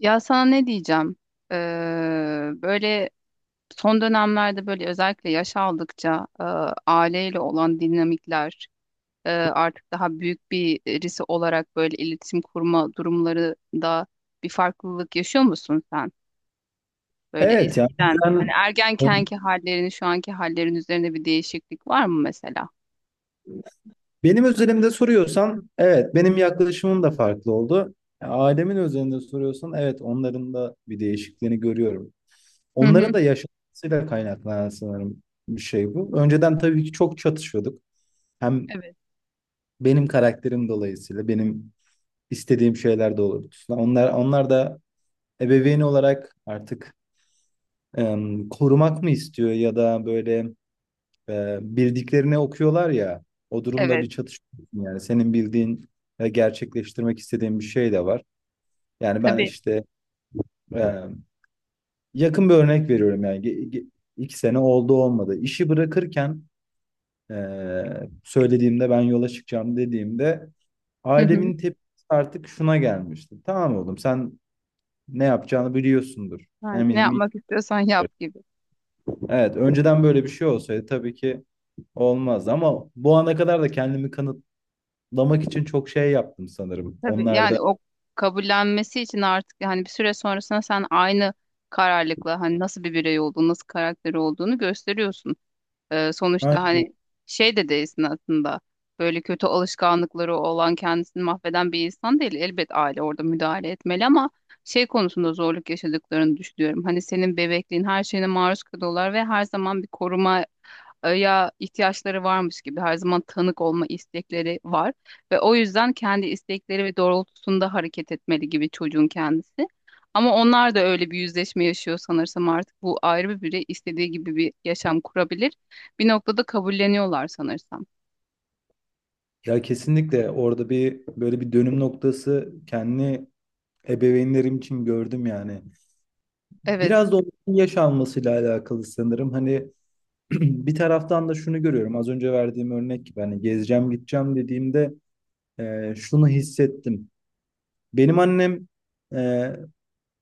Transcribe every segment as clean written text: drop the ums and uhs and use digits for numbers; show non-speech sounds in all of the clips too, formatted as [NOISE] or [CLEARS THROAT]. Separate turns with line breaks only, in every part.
Ya sana ne diyeceğim? Böyle son dönemlerde böyle özellikle yaş aldıkça aileyle olan dinamikler artık daha büyük bir birisi olarak böyle iletişim kurma durumlarında bir farklılık yaşıyor musun sen? Böyle
Evet ya.
eskiden hani
Ben,
ergenkenki hallerini şu anki hallerin üzerinde bir değişiklik var mı mesela?
benim özelimde soruyorsan, evet, benim yaklaşımım da farklı oldu. Ailemin özelinde soruyorsan, evet, onların da bir değişikliğini görüyorum.
Hı hı.
Onların da yaşantısıyla kaynaklanan sanırım bir şey bu. Önceden tabii ki çok çatışıyorduk. Hem
Evet.
benim karakterim dolayısıyla benim istediğim şeyler de olurdu. Onlar da ebeveyn olarak artık korumak mı istiyor, ya da böyle bildiklerini okuyorlar ya. O durumda
Evet.
bir çatışıyorsun yani. Senin bildiğin ve gerçekleştirmek istediğin bir şey de var. Yani ben
Tabii.
işte e, yakın bir örnek veriyorum yani. 2 sene oldu olmadı. İşi bırakırken söylediğimde, ben yola çıkacağım dediğimde,
Hı hı.
ailemin tepkisi artık şuna gelmişti. Tamam oğlum, sen ne yapacağını biliyorsundur.
Yani ne
Eminim.
yapmak istiyorsan yap gibi.
Evet, önceden böyle bir şey olsaydı tabii ki olmaz, ama bu ana kadar da kendimi kanıt lamak için çok şey yaptım sanırım.
Tabii,
Onlar da.
yani o kabullenmesi için artık hani bir süre sonrasında sen aynı kararlılıkla hani nasıl bir birey olduğunu, nasıl karakteri olduğunu gösteriyorsun. Sonuçta
Aynen.
hani şey de değilsin aslında. Böyle kötü alışkanlıkları olan kendisini mahveden bir insan değil. Elbet aile orada müdahale etmeli ama şey konusunda zorluk yaşadıklarını düşünüyorum. Hani senin bebekliğin her şeyine maruz kalıyorlar ve her zaman bir koruma ya ihtiyaçları varmış gibi her zaman tanık olma istekleri var ve o yüzden kendi istekleri ve doğrultusunda hareket etmeli gibi çocuğun kendisi. Ama onlar da öyle bir yüzleşme yaşıyor sanırsam, artık bu ayrı bir birey istediği gibi bir yaşam kurabilir. Bir noktada kabulleniyorlar sanırsam.
Ya, kesinlikle orada bir böyle bir dönüm noktası kendi ebeveynlerim için gördüm yani.
Evet.
Biraz da onun yaş almasıyla alakalı sanırım. Hani [CLEARS THROAT] bir taraftan da şunu görüyorum. Az önce verdiğim örnek gibi, hani gezeceğim gideceğim dediğimde, şunu hissettim. Benim annem, e,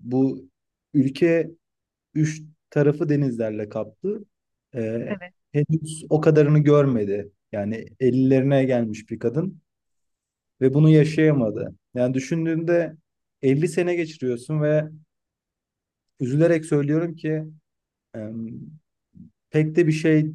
bu ülke üç tarafı denizlerle kaplı. Ee, Henüz o kadarını görmedi. Yani 50'lerine gelmiş bir kadın ve bunu yaşayamadı. Yani düşündüğünde, 50 sene geçiriyorsun ve üzülerek söylüyorum ki, em, pek de bir şey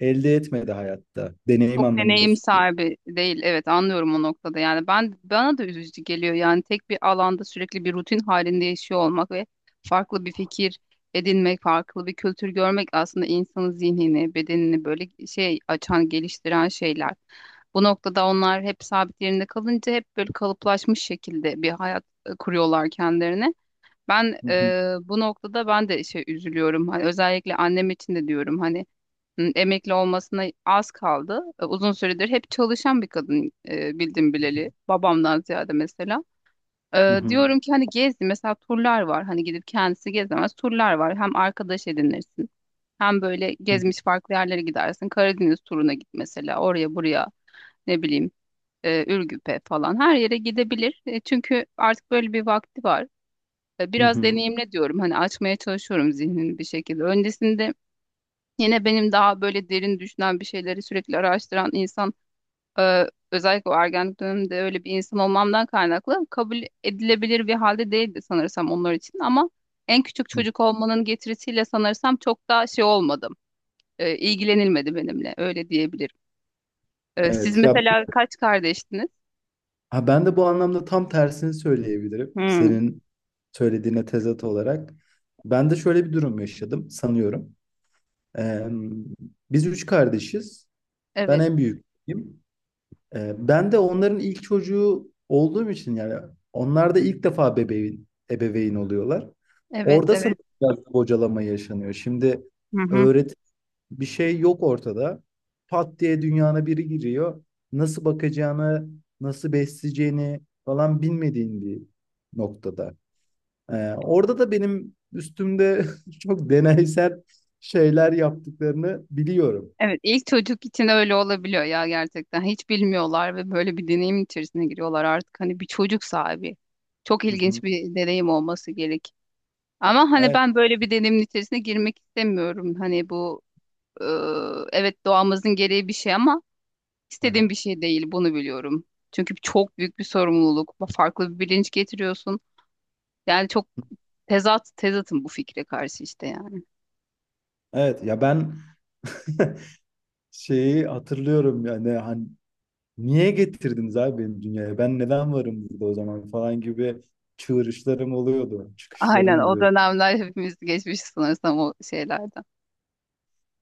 elde etmedi hayatta. Deneyim
Çok
anlamında
deneyim
söylüyorum.
sahibi değil. Evet, anlıyorum o noktada. Yani ben bana da üzücü geliyor. Yani tek bir alanda sürekli bir rutin halinde yaşıyor olmak ve farklı bir fikir edinmek, farklı bir kültür görmek aslında insanın zihnini, bedenini böyle şey açan, geliştiren şeyler. Bu noktada onlar hep sabit yerinde kalınca hep böyle kalıplaşmış şekilde bir hayat kuruyorlar kendilerine.
Hı hı,
Bu noktada ben de şey üzülüyorum. Hani özellikle annem için de diyorum, hani emekli olmasına az kaldı. Uzun süredir hep çalışan bir kadın bildim bileli. Babamdan ziyade mesela.
hı hı,
Diyorum ki hani gezdi, mesela turlar var. Hani gidip kendisi gezemez, turlar var. Hem arkadaş edinirsin, hem böyle
hı
gezmiş farklı yerlere gidersin. Karadeniz turuna git mesela. Oraya buraya, ne bileyim, Ürgüp'e falan. Her yere gidebilir. Çünkü artık böyle bir vakti var.
hı,
Biraz
hı
deneyimle diyorum. Hani açmaya çalışıyorum zihnini bir şekilde. Öncesinde, yine benim daha böyle derin düşünen, bir şeyleri sürekli araştıran insan e, özellikle o ergenlik döneminde öyle bir insan olmamdan kaynaklı kabul edilebilir bir halde değildi sanırsam onlar için, ama en küçük
hı.
çocuk olmanın getirisiyle sanırsam çok daha şey olmadım. İlgilenilmedi benimle, öyle diyebilirim. Siz
Evet ya.
mesela kaç kardeştiniz?
Ha, ben de bu anlamda tam tersini söyleyebilirim.
Hmm.
Senin söylediğine tezat olarak. Ben de şöyle bir durum yaşadım sanıyorum. Ee, Biz üç kardeşiz. Ben
Evet,
en büyüğüm. Ben de onların ilk çocuğu olduğum için, yani onlar da ilk defa bebeğin, ebeveyn oluyorlar.
evet,
Orada
evet.
sanırım biraz bocalama yaşanıyor. Şimdi
Hı hı.
öğret bir şey yok ortada. Pat diye dünyana biri giriyor. Nasıl bakacağını, nasıl besleyeceğini falan bilmediğin bir noktada. Orada da benim üstümde [LAUGHS] çok deneysel şeyler yaptıklarını biliyorum.
Evet, ilk çocuk için öyle olabiliyor ya gerçekten. Hiç bilmiyorlar ve böyle bir deneyim içerisine giriyorlar artık. Hani bir çocuk sahibi. Çok
Hı
ilginç
hı.
bir deneyim olması gerek. Ama hani
Evet.
ben böyle bir deneyimin içerisine girmek istemiyorum. Hani bu, e, evet, doğamızın gereği bir şey ama
Hı
istediğim
hı.
bir şey değil. Bunu biliyorum. Çünkü çok büyük bir sorumluluk. Farklı bir bilinç getiriyorsun. Yani çok tezatım bu fikre karşı işte, yani.
Evet ya, ben [LAUGHS] şeyi hatırlıyorum yani, hani niye getirdiniz abi beni dünyaya? Ben neden varım burada o zaman falan gibi çığırışlarım oluyordu,
Aynen,
çıkışlarım
o
oluyordu.
dönemler hepimiz geçmişiz sanırsam o şeylerden.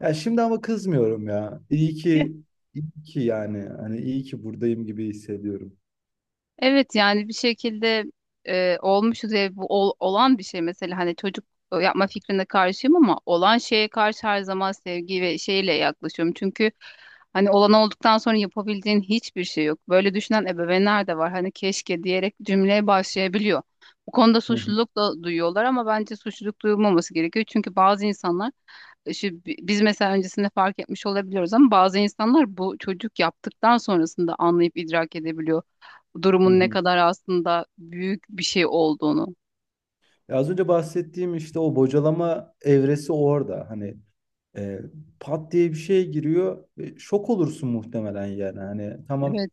Ya şimdi ama kızmıyorum ya. İyi ki, iyi ki yani. Hani iyi ki buradayım gibi hissediyorum.
Evet, yani bir şekilde olmuşuz ve bu olan bir şey. Mesela hani çocuk yapma fikrine karşıyım, ama olan şeye karşı her zaman sevgi ve şeyle yaklaşıyorum. Çünkü hani olan olduktan sonra yapabildiğin hiçbir şey yok. Böyle düşünen ebeveynler de var. Hani keşke diyerek cümleye başlayabiliyor. Bu konuda
Hı hı,
suçluluk da duyuyorlar, ama bence suçluluk duyulmaması gerekiyor. Çünkü bazı insanlar, biz mesela öncesinde fark etmiş olabiliyoruz, ama bazı insanlar bu çocuk yaptıktan sonrasında anlayıp idrak edebiliyor
hı
durumun ne
hı.
kadar aslında büyük bir şey olduğunu.
Ya az önce bahsettiğim işte o bocalama evresi orada. Hani e, pat diye bir şey giriyor. E, şok olursun muhtemelen yani. Hani tamam,
Evet.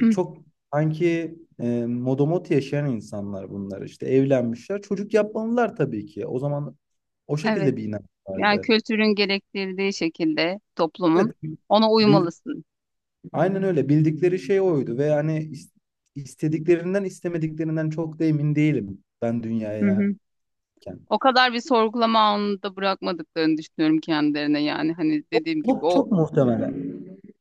[CLEARS THROAT]
çok sanki modomot yaşayan insanlar bunlar işte, evlenmişler. Çocuk yapmalılar tabii ki. O zaman o
Evet.
şekilde bir inanç
Yani
vardı.
kültürün gerektirdiği şekilde, toplumun,
Evet.
ona
bil-
uymalısın.
Aynen öyle. Bildikleri şey oydu ve hani istediklerinden istemediklerinden çok da emin değilim ben
Hı
dünyaya
hı.
yerken.
O kadar bir sorgulama anında bırakmadıklarını düşünüyorum kendilerine, yani hani dediğim gibi
Çok
o
çok muhtemelen.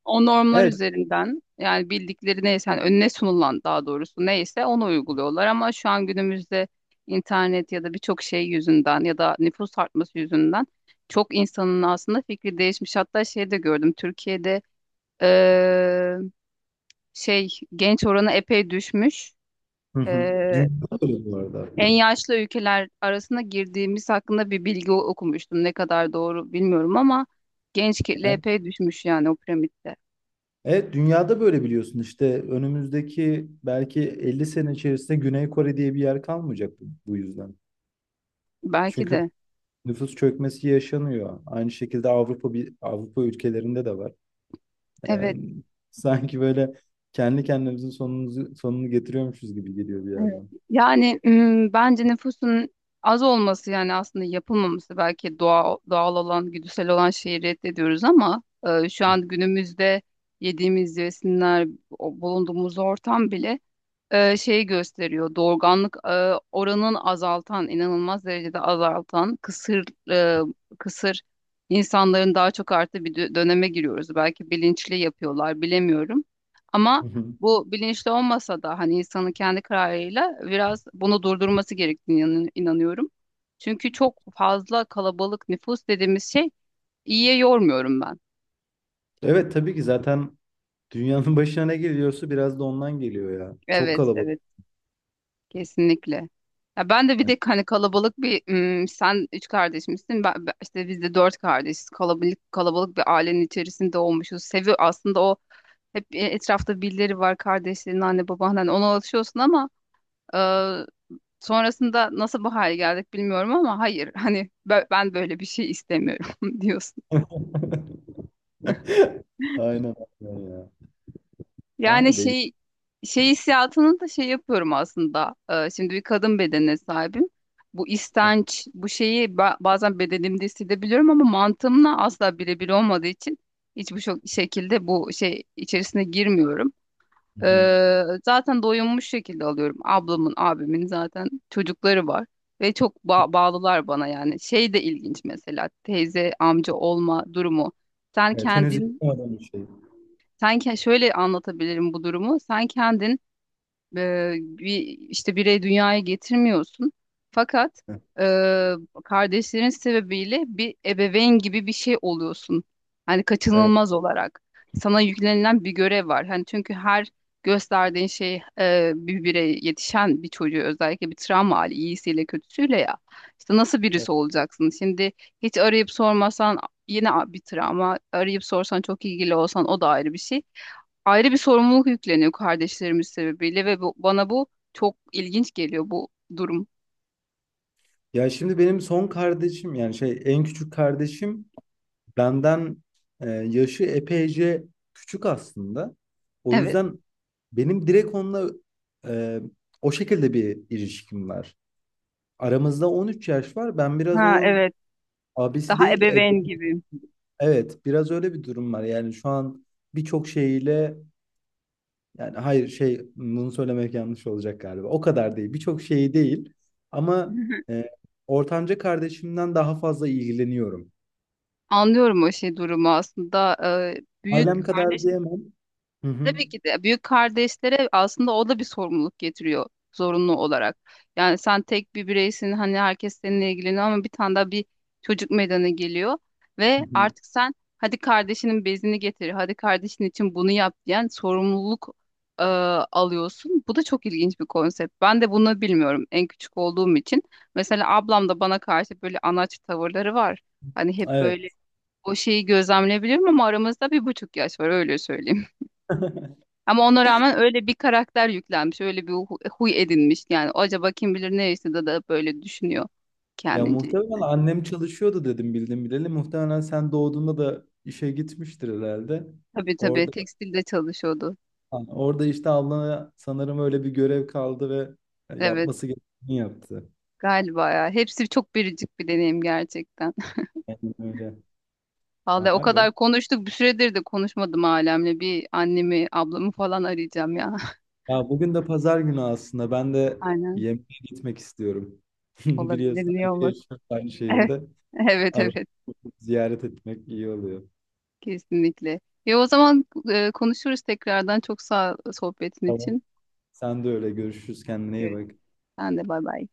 O normlar
Evet.
üzerinden, yani bildikleri neyse, hani önüne sunulan, daha doğrusu neyse onu uyguluyorlar, ama şu an günümüzde internet ya da birçok şey yüzünden ya da nüfus artması yüzünden çok insanın aslında fikri değişmiş. Hatta şey de gördüm, Türkiye'de eee, şey, genç oranı epey düşmüş.
Hı hı.
Eee,
Dünyada böyle bu arada.
En yaşlı ülkeler arasına girdiğimiz hakkında bir bilgi okumuştum. Ne kadar doğru bilmiyorum, ama genç kitle
Evet,
epey düşmüş yani o piramitte.
evet, dünyada böyle biliyorsun işte, önümüzdeki belki 50 sene içerisinde Güney Kore diye bir yer kalmayacak bu yüzden.
Belki
Çünkü
de.
nüfus çökmesi yaşanıyor. Aynı şekilde bir Avrupa ülkelerinde de var. Ee,
Evet.
Sanki böyle kendi kendimizin sonumuzu, sonunu getiriyormuşuz gibi geliyor bir
Evet.
yerden.
Yani bence nüfusun az olması, yani aslında yapılmaması belki doğal, doğal olan, güdüsel olan şeyi reddediyoruz ama şu an günümüzde yediğimiz besinler, bulunduğumuz ortam bile şey gösteriyor. Doğurganlık oranın azaltan, inanılmaz derecede azaltan, e, kısır insanların daha çok arttığı bir döneme giriyoruz. Belki bilinçli yapıyorlar, bilemiyorum. Ama
Hı hı.
bu bilinçli olmasa da hani insanın kendi kararıyla biraz bunu durdurması gerektiğini inanıyorum. Çünkü çok fazla kalabalık nüfus dediğimiz şey, iyiye yormuyorum ben.
Evet, tabii ki zaten dünyanın [LAUGHS] başına ne geliyorsa biraz da ondan geliyor ya. Çok
Evet,
kalabalık.
evet. Kesinlikle. Ya ben de, bir
Yani.
de hani kalabalık bir, sen üç kardeş misin? İşte biz de dört kardeşiz. Kalabalık bir ailenin içerisinde olmuşuz. Sevi aslında o, hep etrafta birileri var, kardeşlerin, anne baban, hani ona alışıyorsun ama e, sonrasında nasıl bu hale geldik bilmiyorum, ama hayır, hani ben böyle bir şey istemiyorum [LAUGHS] diyorsun.
[LAUGHS] Aynen, aynen ya. Vay
Yani
be.
şey hissiyatını da şey yapıyorum aslında. Şimdi bir kadın bedenine sahibim. Bu istenç, bu şeyi bazen bedenimde hissedebiliyorum, ama mantığımla asla birebir olmadığı için hiçbir şekilde bu şey içerisine girmiyorum.
Hı hı.
Zaten doyunmuş şekilde alıyorum. Ablamın, abimin zaten çocukları var ve çok bağlılar bana, yani. Şey de ilginç mesela, teyze, amca olma durumu. Sen
Evet, henüz
kendin
yapmadım bir şey.
sen ke- şöyle anlatabilirim bu durumu. Sen kendin bir, işte, birey dünyaya getirmiyorsun. Fakat
Hı.
e, kardeşlerin sebebiyle bir ebeveyn gibi bir şey oluyorsun. Hani
Evet,
kaçınılmaz olarak sana yüklenilen bir görev var. Hani çünkü her gösterdiğin şey bir birey yetişen bir çocuğu, özellikle bir travma hali, iyisiyle kötüsüyle ya. İşte nasıl
evet.
birisi olacaksın? Şimdi hiç arayıp sormasan yine bir travma. Arayıp sorsan, çok ilgili olsan o da ayrı bir şey, ayrı bir sorumluluk yükleniyor kardeşlerimiz sebebiyle, ve bu, bana bu çok ilginç geliyor, bu durum.
Ya şimdi benim son kardeşim, yani şey en küçük kardeşim, benden yaşı epeyce küçük aslında. O
Evet.
yüzden benim direkt onunla e, o şekilde bir ilişkim var. Aramızda 13 yaş var. Ben biraz
Ha,
onun
evet.
abisi
Daha
değil,
ebeveyn gibi.
evet, biraz öyle bir durum var. Yani şu an birçok şeyiyle, yani hayır şey bunu söylemek yanlış olacak galiba. O kadar değil. Birçok şeyi değil ama
[LAUGHS]
e, ortanca kardeşimden daha fazla ilgileniyorum.
Anlıyorum o şey durumu aslında. Ee, büyük
Ailem kadar diyemem. Hı hı.
Tabii ki de büyük kardeşlere aslında o da bir sorumluluk getiriyor zorunlu olarak. Yani sen tek bir bireysin, hani herkes seninle ilgileniyor, ama bir tane daha bir çocuk meydana geliyor
Hı
ve
hı.
artık sen, hadi kardeşinin bezini getir, hadi kardeşin için bunu yap, diyen sorumluluk e, alıyorsun. Bu da çok ilginç bir konsept. Ben de bunu bilmiyorum en küçük olduğum için. Mesela ablam da bana karşı böyle anaç tavırları var. Hani hep
Evet.
böyle o şeyi gözlemleyebilirim, ama aramızda 1,5 yaş var, öyle söyleyeyim. Ama ona rağmen öyle bir karakter yüklenmiş, öyle bir huy edinmiş. Yani acaba kim bilir ne yaşadı da böyle düşünüyor
Ya
kendince.
muhtemelen annem çalışıyordu, dedim bildim bileli. Muhtemelen sen doğduğunda da işe gitmiştir herhalde.
Tabii, tabii,
Orada
tekstilde çalışıyordu.
Hani orada işte ablana sanırım öyle bir görev kaldı ve
Evet
yapması gerekeni yaptı.
galiba ya. Hepsi çok biricik bir deneyim gerçekten.
Aynen öyle.
[LAUGHS] Vallahi o
Vay be.
kadar konuştuk, bir süredir de konuşmadım ailemle. Bir annemi, ablamı falan arayacağım ya.
Ya bugün de pazar günü aslında. Ben de
[LAUGHS] Aynen,
yemeğe gitmek istiyorum. [LAUGHS]
olabilir,
Biliyorsun
niye
aynı
olmasın.
yaşıyoruz, aynı
Evet,
şehirde.
[LAUGHS] evet,
Arada
evet,
ziyaret etmek iyi oluyor.
kesinlikle. Ya o zaman konuşuruz tekrardan. Çok sağ ol sohbetin
Tamam.
için.
Sen de öyle. Görüşürüz. Kendine iyi
Görüşürüz.
bak.
Sen de bay bay.